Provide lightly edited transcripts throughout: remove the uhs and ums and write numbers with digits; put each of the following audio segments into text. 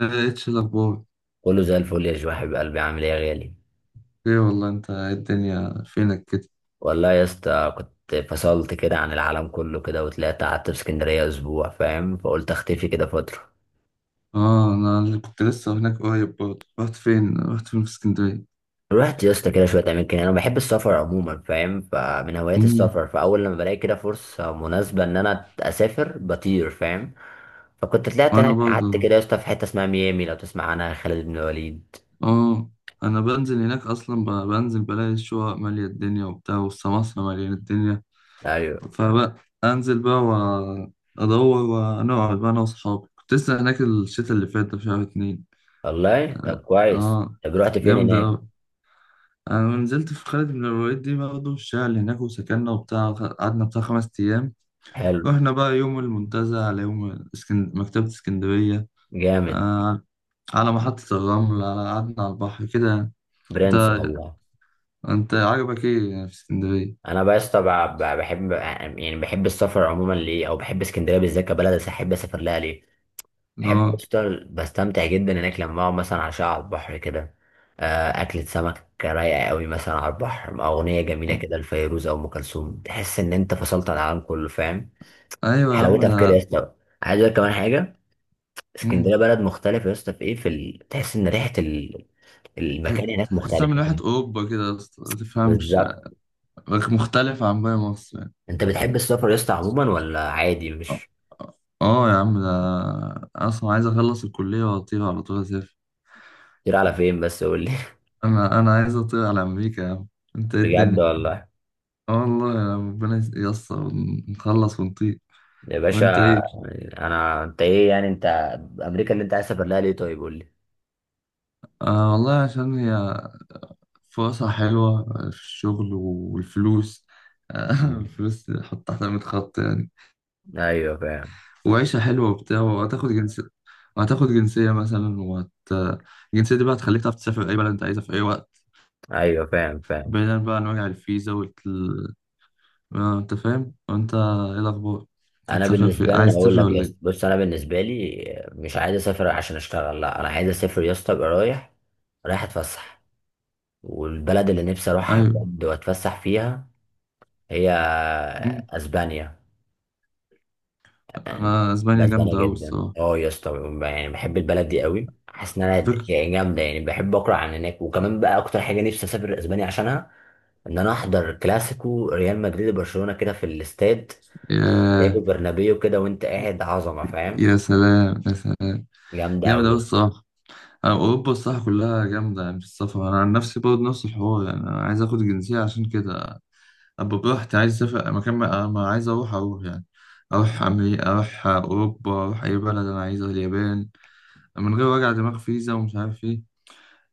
ايش الاخبار؟ كله زي الفل يا جو، حبيب قلبي، عامل ايه يا غالي؟ ايه والله، انت إيه الدنيا فينك كده؟ والله يا اسطى كنت فصلت كده عن العالم كله كده وطلعت قعدت في اسكندريه اسبوع، فاهم، فقلت اختفي كده فتره. اه، انا اللي كنت لسه هناك قريب برضه. رحت فين في اسكندريه. رحت يا اسطى كده شويه اماكن، انا بحب السفر عموما فاهم، فمن هوايات امم. السفر، فاول لما بلاقي كده فرصه مناسبه ان انا اسافر بطير، فاهم. فكنت طلعت وانا هناك قعدت برضه. كده يا اسطى في حته اسمها ميامي، لو تسمع عنها، خالد بن وليد. اه، انا بنزل هناك اصلا، بنزل بلاقي الشقق ماليه الدنيا وبتاع، والسماسره ماليه الدنيا. ايوه فبقى انزل بقى، وادور ونقعد بقى انا واصحابي. كنت لسه هناك الشتا اللي فات ده في شهر اتنين. والله، طب اه، كويس، آه، طب رحت فين جامده هناك؟ أوي. أنا لما نزلت في خالد بن الوليد دي برضه الشغل هناك وسكننا وبتاع، قعدنا بتاع خمس أيام. حلو. رحنا بقى يوم المنتزه، على يوم مكتبة اسكندرية، جامد. آه، على محطة الرمل، على قعدنا على البحر كده. أنت، برنس والله. أنت عجبك إيه يعني في اسكندرية؟ انا بس طبعا بحب يعني، بحب السفر عموما ليه، او بحب اسكندريه بالذات كبلد، احب اسافر لها ليه. بحب آه، اشتغل، بستمتع جدا هناك لما اقعد مثلا عشاء على البحر كده. اكلة سمك رايقه قوي مثلا على البحر مع اغنيه جميله كده لفيروز او ام كلثوم، تحس ان انت فصلت عن العالم كله، فاهم. أيوة يا عم حلاوتها في كده يا ده. اسطى. عايز اقول كمان حاجه. اسكندريه مم. بلد مختلف يا اسطى، في ايه، تحس ان ريحه تح- المكان هناك تحسها من مختلفه، واحد فاهم. أوروبا كده يا اسطى، ما تفهمش. بالظبط. مختلف عن باقي مصر يعني. انت بتحب السفر يا اسطى عموما ولا عادي آه، مش؟ آه يا عم ده. أنا أصلا عايز أخلص الكلية وأطير على طول. كتير، على فين بس قول لي. انا عايز اطير على امريكا يا عم. انت ايه بجد الدنيا؟ والله. اه والله، يا ربنا ييسر ونخلص ونطير. يا باشا. وانت ايه؟ انا انت ايه يعني انت، امريكا اللي انت عايز تسافر لها ليه طيب قول لي. آه والله عشان هي فرصة حلوة في الشغل والفلوس. آه مم. الفلوس حط تحت 100 خط يعني. ايوه فاهم. وعيشة حلوة وبتاع، وهتاخد جنسية، وهتاخد جنسية مثلا، وهت، الجنسية دي بقى هتخليك تعرف تسافر أي بلد أنت عايزها في أي وقت. ايوه فاهم. بعيدا بقى عن وجع الفيزا وال، آه، أنت فاهم؟ وأنت إيه الأخبار؟ انا هتسافر، في بالنسبه لي، انا عايز بقول تسافر لك يا ولا اسطى، إيه؟ بص انا بالنسبه لي مش عايز اسافر عشان اشتغل، لا، انا عايز اسافر يا اسطى ابقى رايح. رايح اتفسح، والبلد اللي نفسي اروحها أيوه، بجد واتفسح فيها هي اسبانيا. انا اسبانيا بسبانيا جامده قوي جدا الصراحه. يا اسطى، يعني بحب البلد دي قوي، حاسس ان انا على فكره. يعني جامده، يعني بحب اقرا عن هناك، وكمان بقى اكتر حاجه نفسي اسافر اسبانيا عشانها، ان انا احضر كلاسيكو ريال مدريد وبرشلونه كده في الاستاد سانتياغو يا، برنابيو كده وانت قاعد عظمه، فاهم. يا سلام يا سلام. جامده جامد قوي قوي. الصراحه. أنا اوروبا الصراحه كلها جامده يعني في السفر. انا عن نفسي برضه نفس الحوار يعني، انا عايز اخد الجنسيه عشان كده ابقى براحتي. عايز اسافر مكان ما، ما عايز، اروح يعني. اروح امريكا، اروح اوروبا، اروح اي بلد انا عايزها، اليابان. من غير وجع دماغ فيزا، ومش عارف ايه.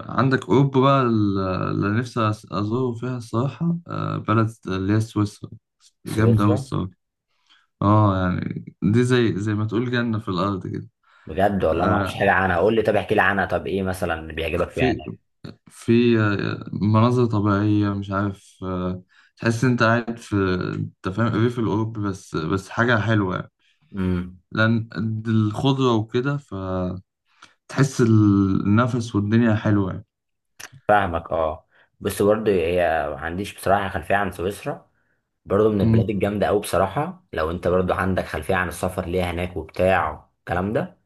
عندك اوروبا بقى، اللي نفسي ازوره فيها الصراحه، آه، بلد اللي هي سويسرا. جامده قوي سويسرا؟ الصراحه. اه يعني دي زي ما تقول جنة في الأرض كده. بجد والله ما اعرفش آه، حاجه عنها، قول لي، طب احكي لي عنها، طب ايه مثلا اللي بيعجبك فيها في هناك؟ في آه، مناظر طبيعية، مش عارف. آه، تحس انت قاعد في، انت فاهم الريف الأوروبي، بس حاجة حلوة يعني. امم. لأن الخضرة وكده، فتحس النفس والدنيا حلوة يعني. فاهمك اه. بس برضه هي، ما عنديش بصراحة خلفية عن سويسرا. برضه من أمم. البلاد الجامدة أوي بصراحة، لو أنت برضه عندك خلفية عن السفر ليها هناك وبتاع الكلام ده.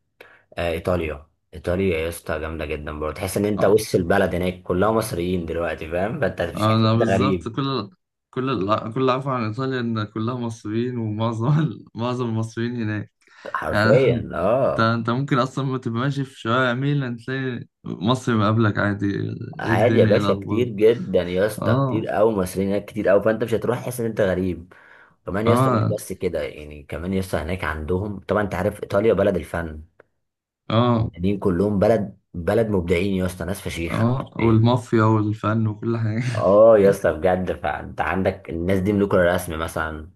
إيطاليا. إيطاليا يا اسطى جامدة جدا، برضه تحس إن أنت آه. وسط البلد هناك كلها مصريين دلوقتي، فاهم، فأنت مش عارف أنا أنت بالظبط، غريب. كل، كل اللي أعرفه عن إيطاليا إن كلها مصريين، ومعظم معظم المصريين هناك يعني. حرفيا انت اه. انت ممكن اصلا ما تبقى ماشي في شوارع ميلان، تلاقي مصر مقابلك عادي. ايه عادي يا الدنيا؟ ايه باشا، كتير الاخبار؟ جدا يا اسطى، اه، كتير أوي مصريين هناك، كتير أوي، فأنت مش هتروح تحس إن أنت غريب. كمان يا اسطى مش اه، بس كده يعني، كمان يا اسطى هناك عندهم، طبعا أنت عارف إيطاليا بلد الفن، اه، المدنيين كلهم بلد مبدعين يا اسطى، ناس فشيخه اه يعني. والمافيا والفن وكل حاجه. اه يا اسطى بجد، فانت عندك الناس دي ملوك الرسم مثلا،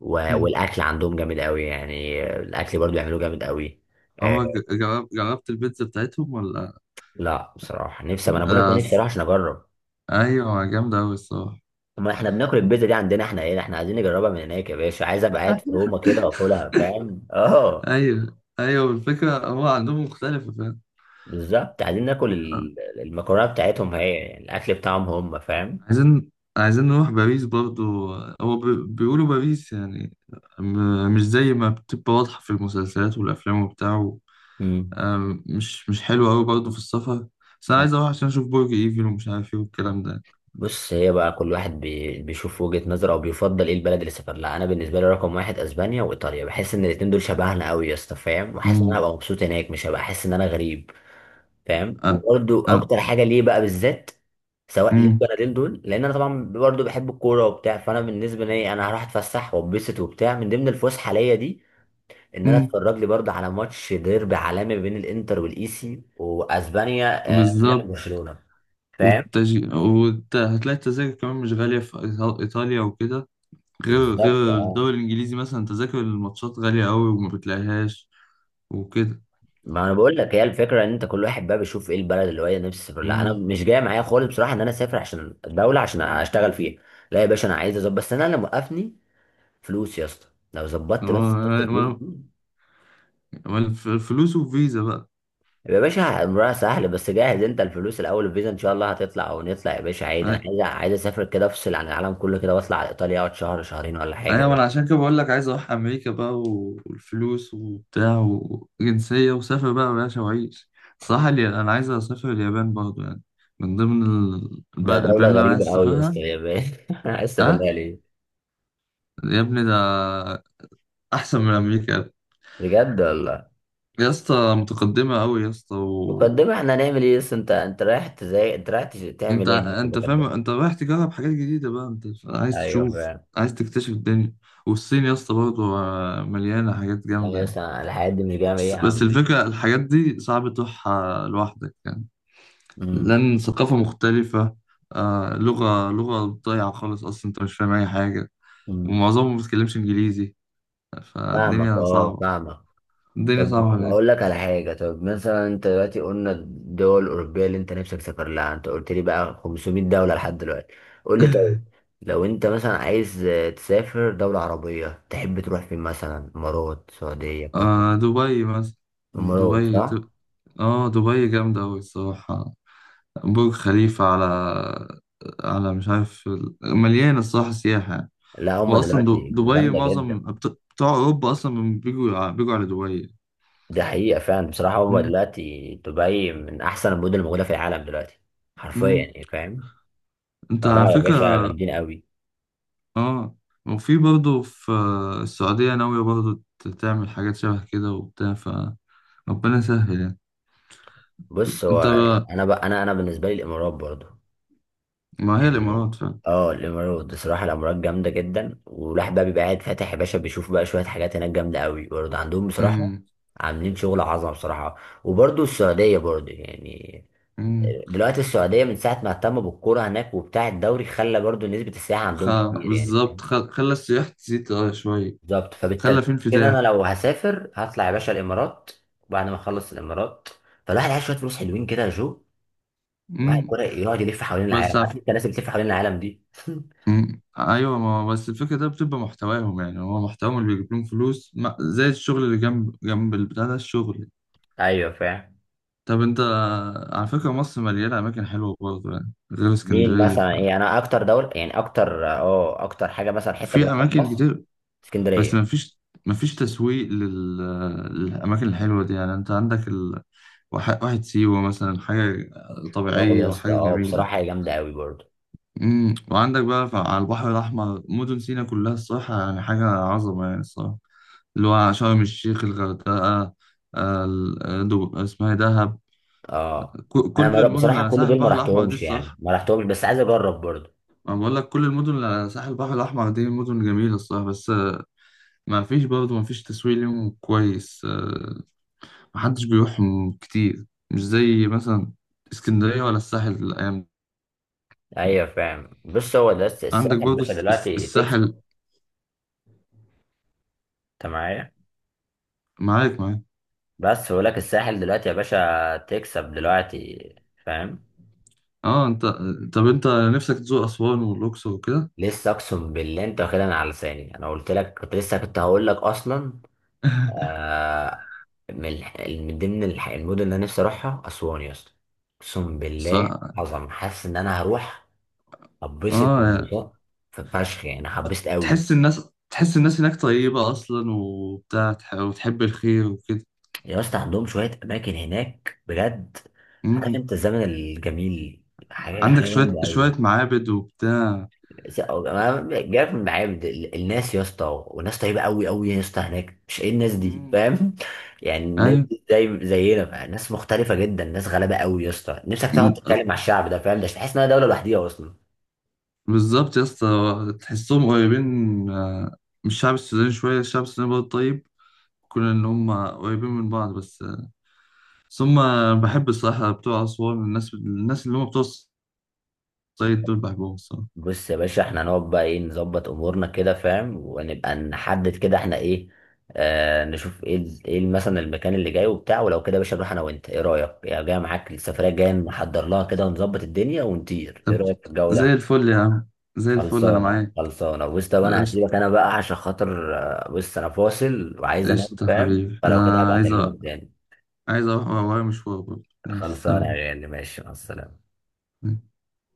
مم. والاكل عندهم جامد قوي يعني، الاكل برضو بيعملوه جامد قوي. آه. عمرك جرب، جربت البيتزا بتاعتهم ولا لا بصراحه نفسي، ما انا بقول لك بقى، لا. نفسي اروح عشان اجرب. ايوه جامده قوي الصراحه. ما احنا بناكل البيتزا دي عندنا احنا، ايه احنا عايزين نجربها من هناك يا باشا، عايز ابقى قاعد في روما كده واكلها، فاهم اه. ايوه، ايوه الفكره هو عندهم مختلفه فاهم. بالظبط، عايزين ناكل المكرونه بتاعتهم، هي يعني الاكل بتاعهم هم، فاهم. عايزين عايزين نروح باريس برضو. هو بيقولوا باريس يعني مش زي ما بتبقى واضحة في المسلسلات والأفلام وبتاع. مم. آم، مش حلو قوي برضه في السفر. بس انا عايز اروح عشان اشوف برج ايفل ومش عارف ايه والكلام ده. بص هي بقى كل واحد بيشوف وجهة نظره، او بيفضل ايه البلد اللي سافر لها. انا بالنسبه لي رقم واحد اسبانيا وايطاليا، بحس ان الاتنين دول شبهنا قوي يا اسطى، فاهم، وحاسس ان انا امم. هبقى مبسوط هناك، مش هبقى حاسس ان انا غريب، فاهم. آه، وبرده آه. اكتر حاجه ليه بقى بالذات، سواء ليه امم. البلدين دول، لان انا طبعا برضه بحب الكوره وبتاع، فانا بالنسبه لي انا هروح اتفسح واتبسط وبتاع، من ضمن الفسحه ليا دي ان انا امم. اتفرج لي برضه على ماتش ديربي عالمي بين الانتر والايسي، واسبانيا ريال بالظبط. وبرشلونه، فاهم. هتلاقي التذاكر كمان مش غالية في إيطاليا وكده. غير بالظبط غير اه. الدوري الإنجليزي مثلا تذاكر الماتشات غالية قوي وما بتلاقيهاش وكده. ما انا بقول لك هي الفكره، ان انت كل واحد بقى بيشوف ايه البلد اللي هو إيه نفسه يسافر لها، انا امم. مش جاي معايا خالص بصراحه ان انا اسافر عشان الدوله عشان اشتغل فيها. لا يا باشا، انا عايز اظبط، بس انا اللي موقفني فلوس يا اسطى، لو ظبطت بس حته اه. الفلوس ما- دي. ما- الفلوس وفيزا بقى. يا باشا امرها سهل، بس جاهز انت الفلوس الاول، الفيزا ان شاء الله هتطلع او نطلع يا باشا عادي، انا عايز اسافر كده، افصل عن العالم كله كده واطلع على ايطاليا، اقعد شهر شهرين ولا ايوه ما حاجه. انا عشان كده بقول لك عايز اروح امريكا بقى، والفلوس وبتاع، وجنسيه، وسافر بقى يا باشا وعيش. صح لي، انا عايز اسافر اليابان برضه يعني، من ضمن ده دوله البلاد اللي انا غريبه عايز قوي يا اسافرها. اسطى يا باشا، عايز اه، بالله ليه؟ يا ابني ده احسن من امريكا. بجد والله. يا اسطى متقدمه قوي يا اسطى و... مقدمة، احنا هنعمل ايه، بس انت رايح تزاي، انت رايح تعمل انت ايه هناك في انت فاهم المقدمة؟ انت رايح تجرب حاجات جديده بقى، انت عايز ايوه تشوف، فعلا. عايز تكتشف الدنيا. والصين يا اسطى برضه آه، مليانه حاجات جامده يعني يعني. مثلا الحاجات دي مش جاية ايه بس يا بس عم؟ الفكرة الحاجات دي صعب تروحها لوحدك يعني، امم. لأن ثقافة مختلفة. آه، لغة ضايعة خالص، أصلا أنت مش فاهم أي حاجة، امم ومعظمهم ما بيتكلمش إنجليزي. فاهمك فالدنيا اه صعبة. فاهمك. الدنيا طب صعبة هناك. اقول لك على حاجة، طب مثلا انت دلوقتي قلنا الدول الأوروبية اللي انت نفسك تسافر لها، انت قلت لي بقى 500 دولة لحد دلوقتي، قول لي طيب، لو انت مثلا عايز تسافر دولة عربية، تحب تروح فين؟ مثلا امارات، سعودية، قطر. آه، دبي مثلا. امارات دبي صح؟ اه دبي جامدة أوي الصراحة. برج خليفة على، على، مش عارف، مليانة الصراحة سياحة يعني. لا هما وأصلا دلوقتي دبي جامدة معظم جدا. بتوع أوروبا أصلا بيجوا على دي حقيقة فعلا بصراحة، هو دبي. دلوقتي دبي من أحسن المدن الموجودة في العالم دلوقتي، حرفيا مم. يعني، فاهم. انت على فلا يا باشا فكرة. جامدين قوي. اه، وفي برضه في السعودية، ناوية برضه تعمل حاجات شبه كده وبتاع، فربنا يسهل يعني. بص هو انت بقى. أنا بقى، أنا بالنسبة لي الإمارات برضو ما هي يعني. الإمارات فعلا. اه الإمارات بصراحة، الإمارات جامدة جدا، والواحد بقى بيبقى قاعد فاتح يا باشا، بيشوف بقى شوية حاجات هناك جامدة قوي برضه عندهم بصراحة. مم. عاملين شغل عظمة بصراحة. وبرضه السعودية برضه يعني، مم. دلوقتي السعودية من ساعة ما اهتموا بالكورة هناك وبتاع الدوري، خلى برضه نسبة السياحة خ... عندهم كتير يعني، بالظبط، فاهم. خلى السياح تزيد اه شوية. بالظبط، خلى في فبالترتيب كده انا انفتاح. لو هسافر هطلع يا باشا الامارات، وبعد ما اخلص الامارات، فالواحد عايز شويه فلوس حلوين كده يا جو، واحد مم. كده يقعد يلف حوالين بس العالم، عارف عف... انت الناس اللي بتلف حوالين العالم دي. مم. ايوه ما هو بس الفكرة ده بتبقى محتواهم يعني، هو محتواهم اللي بيجيب لهم فلوس، ما... زي الشغل اللي جنب جنب البتاع ده الشغل. ايوه فاهم. طب انت، على فكرة مصر مليانة أماكن حلوة برضه يعني غير مين اسكندرية. مثلا؟ ايه انا اكتر دوله يعني، اكتر حاجه مثلا حته ففي بروحها في أماكن مصر؟ كتير، بس اسكندريه. مفيش تسويق للأماكن الحلوة دي يعني. انت عندك ال... واحد واحد سيوة مثلا، حاجة اه طبيعية يا اسطى، وحاجة جميلة. بصراحه هي جامده قوي برضه. امم. وعندك بقى على البحر الأحمر، مدن سيناء كلها الصراحة يعني حاجة عظمة يعني الصراحة، اللي هو شرم الشيخ، الغردقة، آه، اسمها إيه، دهب، اه انا كل مرة المدن اللي بصراحه على كل ساحل دول ما البحر الأحمر دي رحتهمش يعني، الصراحة. ما رحتهمش بس عايز اجرب برضه. ما بقول لك، كل المدن اللي على ساحل البحر الأحمر دي مدن جميلة الصراحة، بس آه، ما فيش برضه، ما فيش تسويق ليهم كويس، آه، ما حدش بيروحهم كتير، مش زي مثلا اسكندرية ولا الساحل الأيام دي. ايوه فاهم، بص هو ده عندك الساحل يا برضه باشا دلوقتي تكسب. الساحل. انت معايا؟ معاك معاك. بس بقول لك الساحل دلوقتي يا باشا تكسب دلوقتي، فاهم. اه انت، طب انت نفسك تزور أسوان والأقصر وكده. لسه، اقسم بالله انت واخدها على لساني، انا قلت لك كنت لسه كنت هقول لك اصلا. آه. من ضمن المدن اللي انا نفسي اروحها اسوان يا اسطى، اقسم بالله صح. عظم، حاسس ان انا هروح هبسط اه، انبساط، في فشخ يعني، هبسط قوي. تحس الناس، تحس الناس هناك طيبة أصلا وبتاع، وتحب الخير وكده. يا اسطى عندهم شويه اماكن هناك بجد، عارف مم. انت الزمن الجميل، حاجه حاجه عندك شوية جامده شوية قوي. معابد وبتاع. بس هو أنا جايلك من المعابد، الناس يا اسطى، وناس طيبه قوي قوي يا اسطى هناك، مش ايه الناس دي، مم. فاهم، يعني الناس أيوة، دي زي زينا بقى، ناس مختلفه جدا، ناس غلابه قوي يا اسطى، نفسك تقعد تتكلم مع الشعب ده، فاهم، ده مش تحس انها دوله لوحديها اصلا. بالظبط يا اسطى، تحسهم قريبين، آه، من الشعب السوداني شوية، الشعب السوداني برضه طيب كون إن هم قريبين من بعض، بس آه، بس هم بحب الصراحة بتوع أسوان، الناس، الناس اللي هم بتوع الصعيد دول بحبهم الصراحة. بص يا باشا احنا هنقعد بقى، ايه، نظبط امورنا كده، فاهم، ونبقى نحدد كده احنا ايه. آه نشوف ايه مثلا المكان اللي جاي وبتاع، ولو كده يا باشا نروح انا وانت، ايه رايك يا جاي معاك السفريه الجايه، نحضر لها كده ونظبط الدنيا ونطير، ايه طب، رايك في الجو زي ده؟ الفل يا عم، زي الفل أنا خلصانه معاك. خلصانه، بص طب انا قشطة. هسيبك انا بقى عشان خاطر، بص انا فاصل وعايز انام، قشطة فاهم، حبيبي، فلو كده أنا هبقى عايز اكلمك تاني. عايز أروح ورايا مشوار برضه. ماشي، خلصانه سلام. يا غالي ماشي، مع السلامه.